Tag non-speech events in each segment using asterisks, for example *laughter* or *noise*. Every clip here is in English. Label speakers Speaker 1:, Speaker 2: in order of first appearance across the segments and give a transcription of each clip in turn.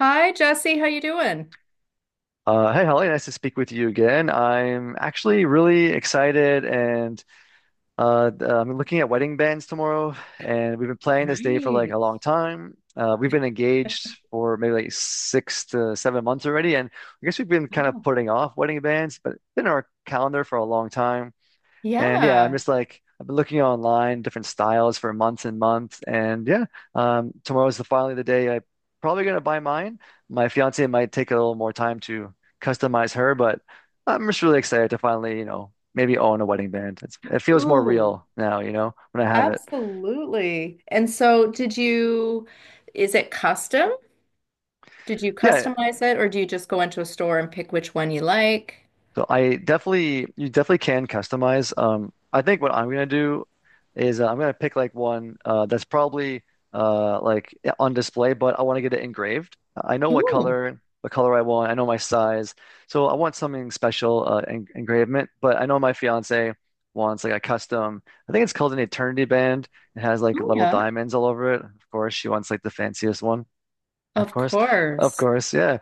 Speaker 1: Hi, Jesse. How you doing?
Speaker 2: Hey, Holly, nice to speak with you again. I'm actually really excited, and I'm looking at wedding bands tomorrow. And we've been planning this day for like a
Speaker 1: Right.
Speaker 2: long time. We've been engaged for maybe like 6 to 7 months already, and I guess we've been kind of
Speaker 1: Wow.
Speaker 2: putting off wedding bands, but it's been on our calendar for a long time. And yeah, I'm
Speaker 1: Yeah.
Speaker 2: just like I've been looking online, different styles for months and months. And tomorrow's the finally the day I probably gonna buy mine. My fiance might take a little more time to customize her, but I'm just really excited to finally, you know, maybe own a wedding band. It feels more
Speaker 1: Ooh,
Speaker 2: real now, you know, when I have it.
Speaker 1: absolutely. And so did you, is it custom? Did you
Speaker 2: Yeah,
Speaker 1: customize it, or do you just go into a store and pick which one you like?
Speaker 2: so I definitely, you definitely can customize. I think what I'm gonna do is I'm gonna pick like one that's probably like on display, but I want to get it engraved. I know
Speaker 1: Ooh.
Speaker 2: what color I want. I know my size, so I want something special en engravement. But I know my fiance wants like a custom. I think it's called an Eternity Band. It has like
Speaker 1: Oh
Speaker 2: little
Speaker 1: yeah.
Speaker 2: diamonds all over it. Of course, she wants like the fanciest one. Of
Speaker 1: Of
Speaker 2: course, of
Speaker 1: course.
Speaker 2: course, yeah.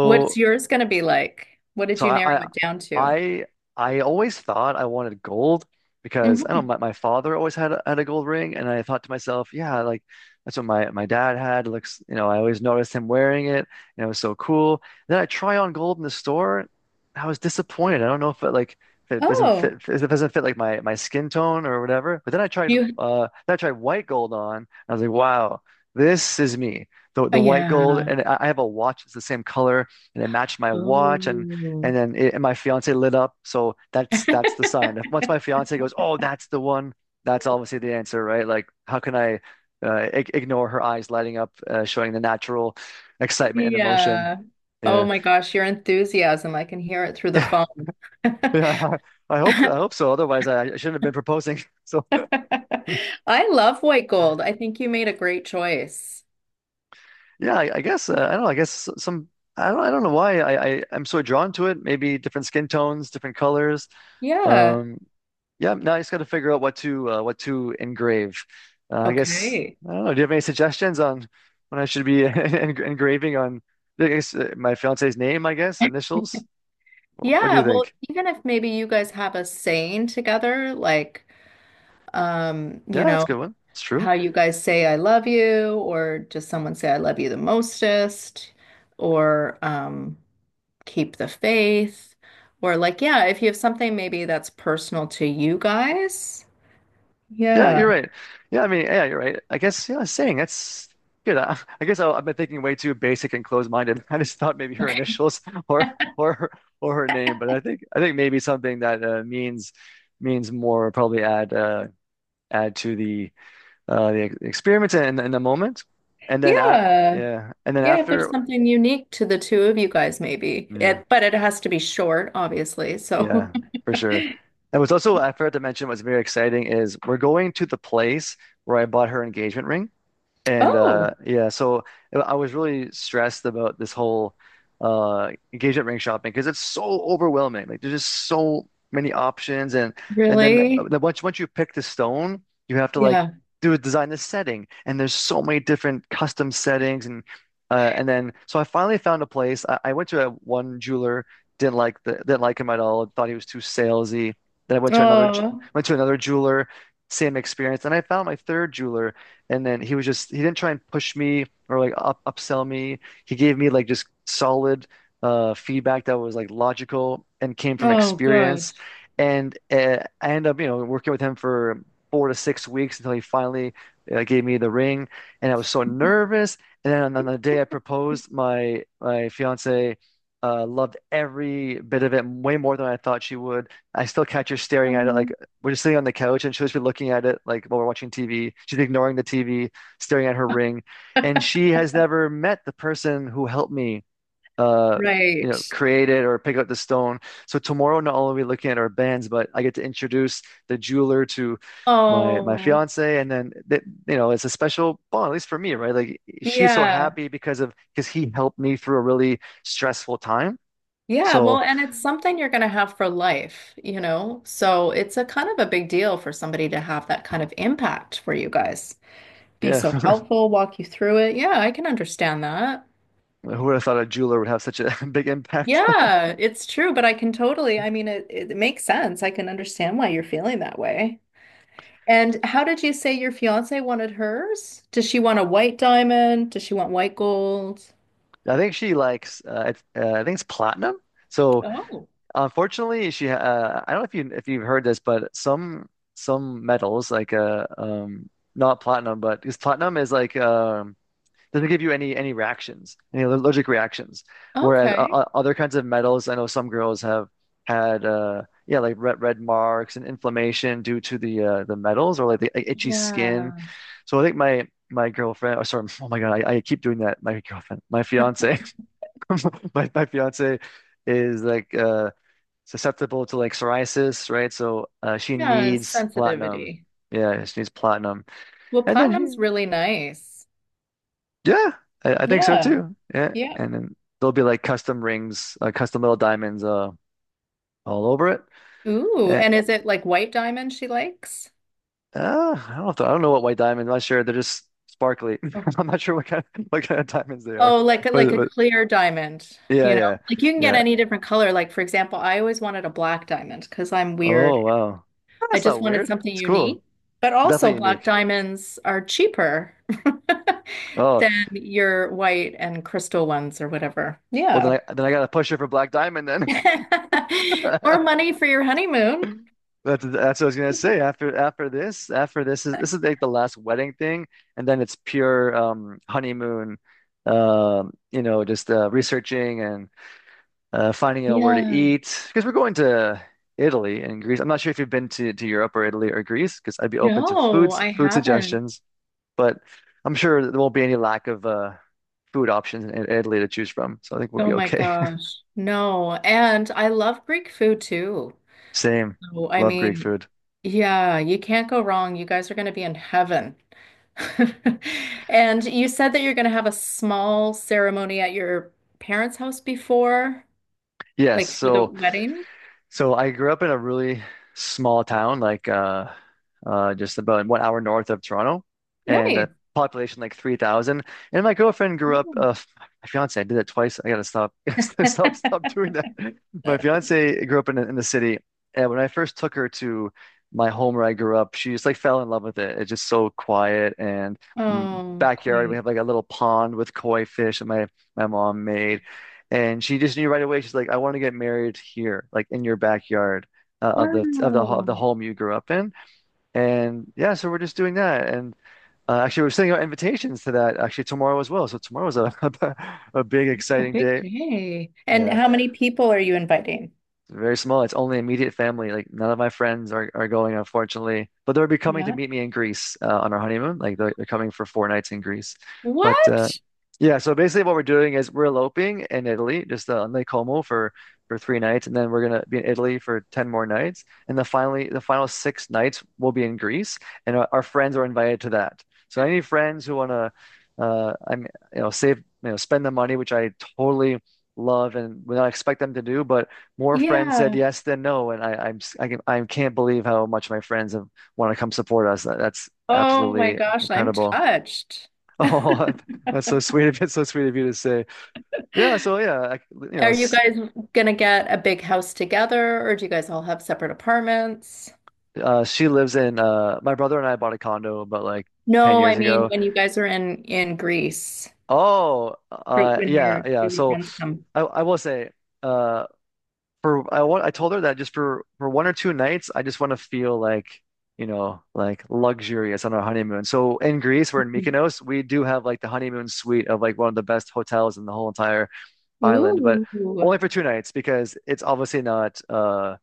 Speaker 1: What's yours going to be like? What did
Speaker 2: So
Speaker 1: you narrow
Speaker 2: I,
Speaker 1: it down to?
Speaker 2: I I I always thought I wanted gold because I don't know,
Speaker 1: Hmm.
Speaker 2: my father always had a gold ring, and I thought to myself, yeah, like that's what my dad had. Looks, you know, I always noticed him wearing it and it was so cool. Then I try on gold in the store. I was disappointed. I don't know if it like if it doesn't fit
Speaker 1: Oh,
Speaker 2: if it doesn't fit like my skin tone or whatever. But
Speaker 1: you.
Speaker 2: then I tried white gold on. And I was like, wow, this is me. The,
Speaker 1: Oh,
Speaker 2: the white gold,
Speaker 1: yeah.
Speaker 2: and I have a watch that's the same color, and it matched my watch,
Speaker 1: Oh.
Speaker 2: and and my fiance lit up. So that's the sign.
Speaker 1: *laughs*
Speaker 2: If- Once my fiance goes, "Oh, that's the one," that's obviously the answer, right? Like, how can I ig ignore her eyes lighting up, showing the natural excitement and emotion?
Speaker 1: Yeah. Oh
Speaker 2: Yeah,
Speaker 1: my gosh, your enthusiasm. I can hear it through the
Speaker 2: yeah,
Speaker 1: phone. *laughs*
Speaker 2: *laughs* yeah. I hope so. Otherwise, I shouldn't have been proposing. *laughs* So
Speaker 1: I love white gold. I think you made a great choice.
Speaker 2: yeah, I guess I don't know. I guess some. I don't know why I'm so drawn to it. Maybe different skin tones, different colors.
Speaker 1: Yeah.
Speaker 2: Um, Yep. Now I just got to figure out what to engrave. I guess
Speaker 1: Okay.
Speaker 2: I don't know. Do you have any suggestions on when I should be *laughs* en engraving on I guess, my fiance's name? I guess
Speaker 1: *laughs*
Speaker 2: initials. What do
Speaker 1: Yeah,
Speaker 2: you
Speaker 1: well,
Speaker 2: think?
Speaker 1: even if maybe you guys have a saying together, like,
Speaker 2: Yeah,
Speaker 1: you
Speaker 2: that's a
Speaker 1: know,
Speaker 2: good one. It's true.
Speaker 1: how you guys say I love you, or just someone say I love you the mostest, or, keep the faith, or like, yeah, if you have something maybe that's personal to you guys.
Speaker 2: Yeah,
Speaker 1: Yeah.
Speaker 2: you're right. Yeah, I mean, yeah, you're right. I guess yeah, saying that's good. I guess I've been thinking way too basic and closed-minded. *laughs* I just thought maybe her
Speaker 1: Okay.
Speaker 2: initials *laughs* or or her- or her name, but I think maybe something that means means more probably add to the experience in the moment, and then a
Speaker 1: Yeah.
Speaker 2: yeah, and then
Speaker 1: Yeah, if there's
Speaker 2: after,
Speaker 1: something unique to the two of you guys, maybe
Speaker 2: yeah,
Speaker 1: it, but it has to be short, obviously, so.
Speaker 2: yeah,
Speaker 1: *laughs*
Speaker 2: for sure. And what's also I forgot to mention what's very exciting is we're going to the place where I bought her engagement ring. And
Speaker 1: Oh,
Speaker 2: yeah, so I was really stressed about this whole engagement ring shopping because it's so overwhelming. Like there's just so many options, and then
Speaker 1: really.
Speaker 2: once once you pick the stone, you have to like
Speaker 1: Yeah.
Speaker 2: do design the setting, and there's so many different custom settings. And then so I finally found a place. I went to a one jeweler, didn't like the didn't like him at all, thought he was too salesy. Then I went to
Speaker 1: Oh.
Speaker 2: went to another jeweler, same experience. Then I found my third jeweler, and then he was just, he didn't try and push me or like up upsell me. He gave me like just solid feedback that was like logical and came from
Speaker 1: Oh good.
Speaker 2: experience. And I ended up, you know, working with him for 4 to 6 weeks until he finally gave me the ring. And I was so nervous. And then on the day I proposed, my fiance loved every bit of it way more than I thought she would. I still catch her staring at it like
Speaker 1: Oh.
Speaker 2: we're just sitting on the couch, and she'll just be looking at it like while we're watching TV. She's ignoring the TV, staring at her ring. And she has never met the person who helped me uh you
Speaker 1: Right.
Speaker 2: know create it or pick up the stone. So tomorrow not only are we looking at our bands, but I get to introduce the jeweler to my
Speaker 1: Oh
Speaker 2: fiance, you know, it's a special bond, at least for me, right? Like she's so
Speaker 1: yeah.
Speaker 2: happy because of because he helped me through a really stressful time,
Speaker 1: Yeah,
Speaker 2: so
Speaker 1: well, and it's something you're going to have for life, you know? So it's a kind of a big deal for somebody to have that kind of impact for you guys. Be
Speaker 2: yeah.
Speaker 1: so
Speaker 2: *laughs*
Speaker 1: helpful, walk you through it. Yeah, I can understand that.
Speaker 2: Who would have thought a jeweler would have such a *laughs* big impact.
Speaker 1: Yeah, it's true, but I can totally, I mean, it makes sense. I can understand why you're feeling that way. And how did you say your fiance wanted hers? Does she want a white diamond? Does she want white gold?
Speaker 2: I think she likes I think it's platinum. So
Speaker 1: Oh,
Speaker 2: unfortunately, she I don't know if you if you've heard this, but some metals like not platinum, but because platinum is like doesn't give you any reactions, any allergic reactions. Whereas
Speaker 1: okay.
Speaker 2: other kinds of metals, I know some girls have had yeah like red marks and inflammation due to the metals or like the itchy skin.
Speaker 1: Yeah.
Speaker 2: So I think my girlfriend, or sorry, *laughs* oh my God, I keep doing that. My girlfriend, my fiance. *laughs* My fiance is like susceptible to like psoriasis, right? So she
Speaker 1: Yeah,
Speaker 2: needs platinum.
Speaker 1: sensitivity.
Speaker 2: Yeah, she needs platinum.
Speaker 1: Well,
Speaker 2: And then
Speaker 1: platinum's
Speaker 2: she,
Speaker 1: really nice.
Speaker 2: yeah, I think so
Speaker 1: Yeah.
Speaker 2: too. Yeah.
Speaker 1: Yeah.
Speaker 2: And then there'll be like custom rings, custom little diamonds all over it.
Speaker 1: Ooh, and is
Speaker 2: And
Speaker 1: it like white diamond she likes?
Speaker 2: I don't know if the- I don't know what white diamonds, I'm not sure. They're just sparkly.
Speaker 1: Oh.
Speaker 2: *laughs* I'm not sure what kind of diamonds they are.
Speaker 1: Oh, like a
Speaker 2: But
Speaker 1: clear diamond,
Speaker 2: yeah,
Speaker 1: you know?
Speaker 2: yeah.
Speaker 1: Like you can get
Speaker 2: Yeah.
Speaker 1: any different color. Like for example, I always wanted a black diamond because I'm weird.
Speaker 2: Oh wow.
Speaker 1: I
Speaker 2: That's
Speaker 1: just
Speaker 2: not
Speaker 1: wanted
Speaker 2: weird.
Speaker 1: something
Speaker 2: It's cool.
Speaker 1: unique. But also
Speaker 2: Definitely
Speaker 1: black
Speaker 2: unique.
Speaker 1: diamonds are cheaper *laughs*
Speaker 2: Oh,
Speaker 1: than your white and crystal ones or whatever.
Speaker 2: well,
Speaker 1: Yeah.
Speaker 2: then I got to push her for Black Diamond then.
Speaker 1: *laughs* More
Speaker 2: *laughs*
Speaker 1: money for your honeymoon.
Speaker 2: That's what I was gonna say. After this, is like the last wedding thing, and then it's pure honeymoon. You know, just researching and finding out where to
Speaker 1: Yeah.
Speaker 2: eat because we're going to Italy and Greece. I'm not sure if you've been to Europe or Italy or Greece, because I'd be open to
Speaker 1: No, I
Speaker 2: food
Speaker 1: haven't.
Speaker 2: suggestions, but I'm sure there won't be any lack of food options in Italy to choose from. So I think we'll
Speaker 1: Oh
Speaker 2: be
Speaker 1: my
Speaker 2: okay. *laughs*
Speaker 1: gosh. No. And I love Greek food too.
Speaker 2: Same.
Speaker 1: So, I
Speaker 2: Love Greek
Speaker 1: mean,
Speaker 2: food.
Speaker 1: yeah, you can't go wrong. You guys are going to be in heaven. *laughs* And you said that you're going to have a small ceremony at your parents' house before,
Speaker 2: Yes,
Speaker 1: like for the wedding.
Speaker 2: so I grew up in a really small town, like just about 1 hour north of Toronto, and
Speaker 1: Nice.
Speaker 2: a population like 3,000. And my girlfriend grew up. My fiance, I did that twice. I gotta stop,
Speaker 1: Oh.
Speaker 2: *laughs*
Speaker 1: *laughs*
Speaker 2: stop, stop doing that. My fiance grew up in in the city, and when I first took her to my home where I grew up, she just like fell in love with it. It's just so quiet, and
Speaker 1: Oh,
Speaker 2: backyard. We
Speaker 1: queen.
Speaker 2: have like a little pond with koi fish that my mom made. And she just knew right away. She's like, I want to get married here, like in your backyard of of
Speaker 1: Wow.
Speaker 2: the home you grew up in. And yeah, so we're just doing that. And actually, we're sending out invitations to that actually tomorrow as well. So tomorrow's a *laughs* a big
Speaker 1: Oh,
Speaker 2: exciting
Speaker 1: big
Speaker 2: day.
Speaker 1: day. And
Speaker 2: Yeah.
Speaker 1: how many people are you inviting?
Speaker 2: It's very small. It's only immediate family. Like none of my friends are going, unfortunately. But they'll be coming to
Speaker 1: Yeah.
Speaker 2: meet me in Greece on our honeymoon. Like they're coming for 4 nights in Greece. But
Speaker 1: What?
Speaker 2: yeah, so basically what we're doing is we're eloping in Italy, just on Lake Como for 3 nights, and then we're gonna be in Italy for 10 more nights, and the finally the final 6 nights will be in Greece, and our friends are invited to that. So any friends who wanna, I'm you know save you know spend the money, which I totally love and would not expect them to do, but more friends said
Speaker 1: Yeah.
Speaker 2: yes than no, and I, I'm s- I am I can I can't believe how much my friends have want to come support us. That's
Speaker 1: Oh my
Speaker 2: absolutely
Speaker 1: gosh, I'm
Speaker 2: incredible. *laughs*
Speaker 1: touched. *laughs* Are
Speaker 2: Oh, that's so sweet of you. So sweet of you to say. Yeah. So yeah, I, you know,
Speaker 1: you
Speaker 2: s-
Speaker 1: guys gonna get a big house together, or do you guys all have separate apartments?
Speaker 2: she lives in. My brother and I bought a condo about like ten
Speaker 1: No, I
Speaker 2: years
Speaker 1: mean
Speaker 2: ago.
Speaker 1: when you guys are in Greece,
Speaker 2: Oh,
Speaker 1: for when
Speaker 2: yeah,
Speaker 1: your two
Speaker 2: yeah.
Speaker 1: of your
Speaker 2: So
Speaker 1: friends come.
Speaker 2: I will say. Uh, for I want I told her that just for 1 or 2 nights, I just want to feel like, you know, like luxurious on our honeymoon. So in Greece, we're in Mykonos, we do have like the honeymoon suite of like one of the best hotels in the whole entire island, but
Speaker 1: Ooh. *laughs*
Speaker 2: only for 2 nights, because it's obviously not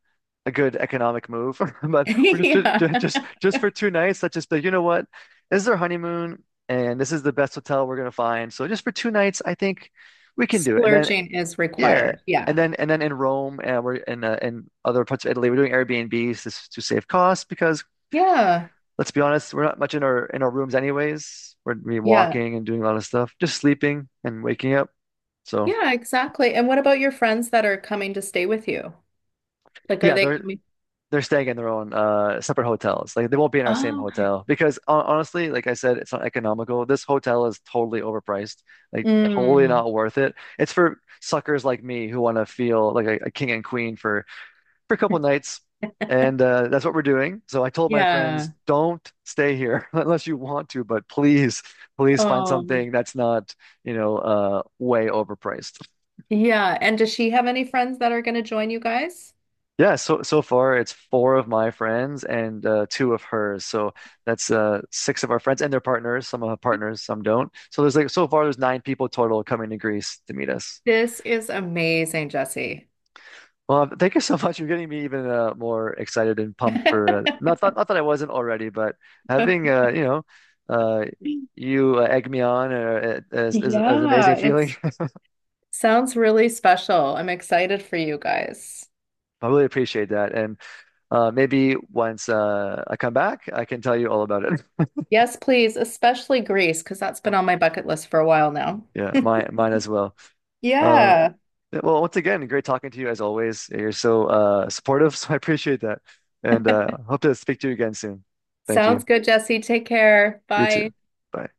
Speaker 2: a good economic move. *laughs* But we're
Speaker 1: Yeah.
Speaker 2: just for 2 nights, let's just be, like, you know what? This is our honeymoon, and this is the best hotel we're gonna find. So just for 2 nights, I think we can do it. And then
Speaker 1: Splurging is
Speaker 2: yeah,
Speaker 1: required.
Speaker 2: and
Speaker 1: Yeah.
Speaker 2: then in Rome, we're in other parts of Italy, we're doing Airbnbs to to save costs, because
Speaker 1: Yeah.
Speaker 2: let's be honest, we're not much in our rooms anyways. We
Speaker 1: Yeah.
Speaker 2: walking and doing a lot of stuff, just sleeping and waking up. So
Speaker 1: Yeah, exactly. And what about your friends that are coming to stay with you? Like, are
Speaker 2: yeah,
Speaker 1: they coming?
Speaker 2: they're staying in their own separate hotels. Like they won't be in our same
Speaker 1: Oh, okay.
Speaker 2: hotel because honestly, like I said, it's not economical. This hotel is totally overpriced, like totally
Speaker 1: Mm.
Speaker 2: not worth it. It's for suckers like me who want to feel like a king and queen for a couple nights, and that's what we're doing. So I told my friends,
Speaker 1: Yeah.
Speaker 2: don't stay here *laughs* unless you want to, but please, please find
Speaker 1: Oh.
Speaker 2: something that's not, you know, way overpriced.
Speaker 1: Yeah, and does she have any friends that are going to join you guys?
Speaker 2: Yeah, so so far it's 4 of my friends and 2 of hers. So that's 6 of our friends and their partners. Some have partners, some don't. So there's like so far there's 9 people total coming to Greece to meet us.
Speaker 1: This is amazing, Jesse.
Speaker 2: Well, thank you so *laughs* much. You're getting me even more excited and pumped for
Speaker 1: *laughs*
Speaker 2: not that I wasn't already, but having you know uh, you egg me on, is an amazing
Speaker 1: Yeah,
Speaker 2: feeling.
Speaker 1: it's sounds really special. I'm excited for you guys.
Speaker 2: *laughs* I really appreciate that, and maybe once I come back, I can tell you all about it. *laughs*
Speaker 1: Yes, please, especially Greece, because that's been on my bucket list for a while now.
Speaker 2: Yeah, mine as well. Um,
Speaker 1: Yeah.
Speaker 2: yeah, well, once again, great talking to you as always. You're so supportive, *laughs* so I appreciate that, and hope to speak to you again soon. Thank
Speaker 1: Sounds
Speaker 2: you.
Speaker 1: good, Jesse. Take care.
Speaker 2: You too.
Speaker 1: Bye.
Speaker 2: Bye.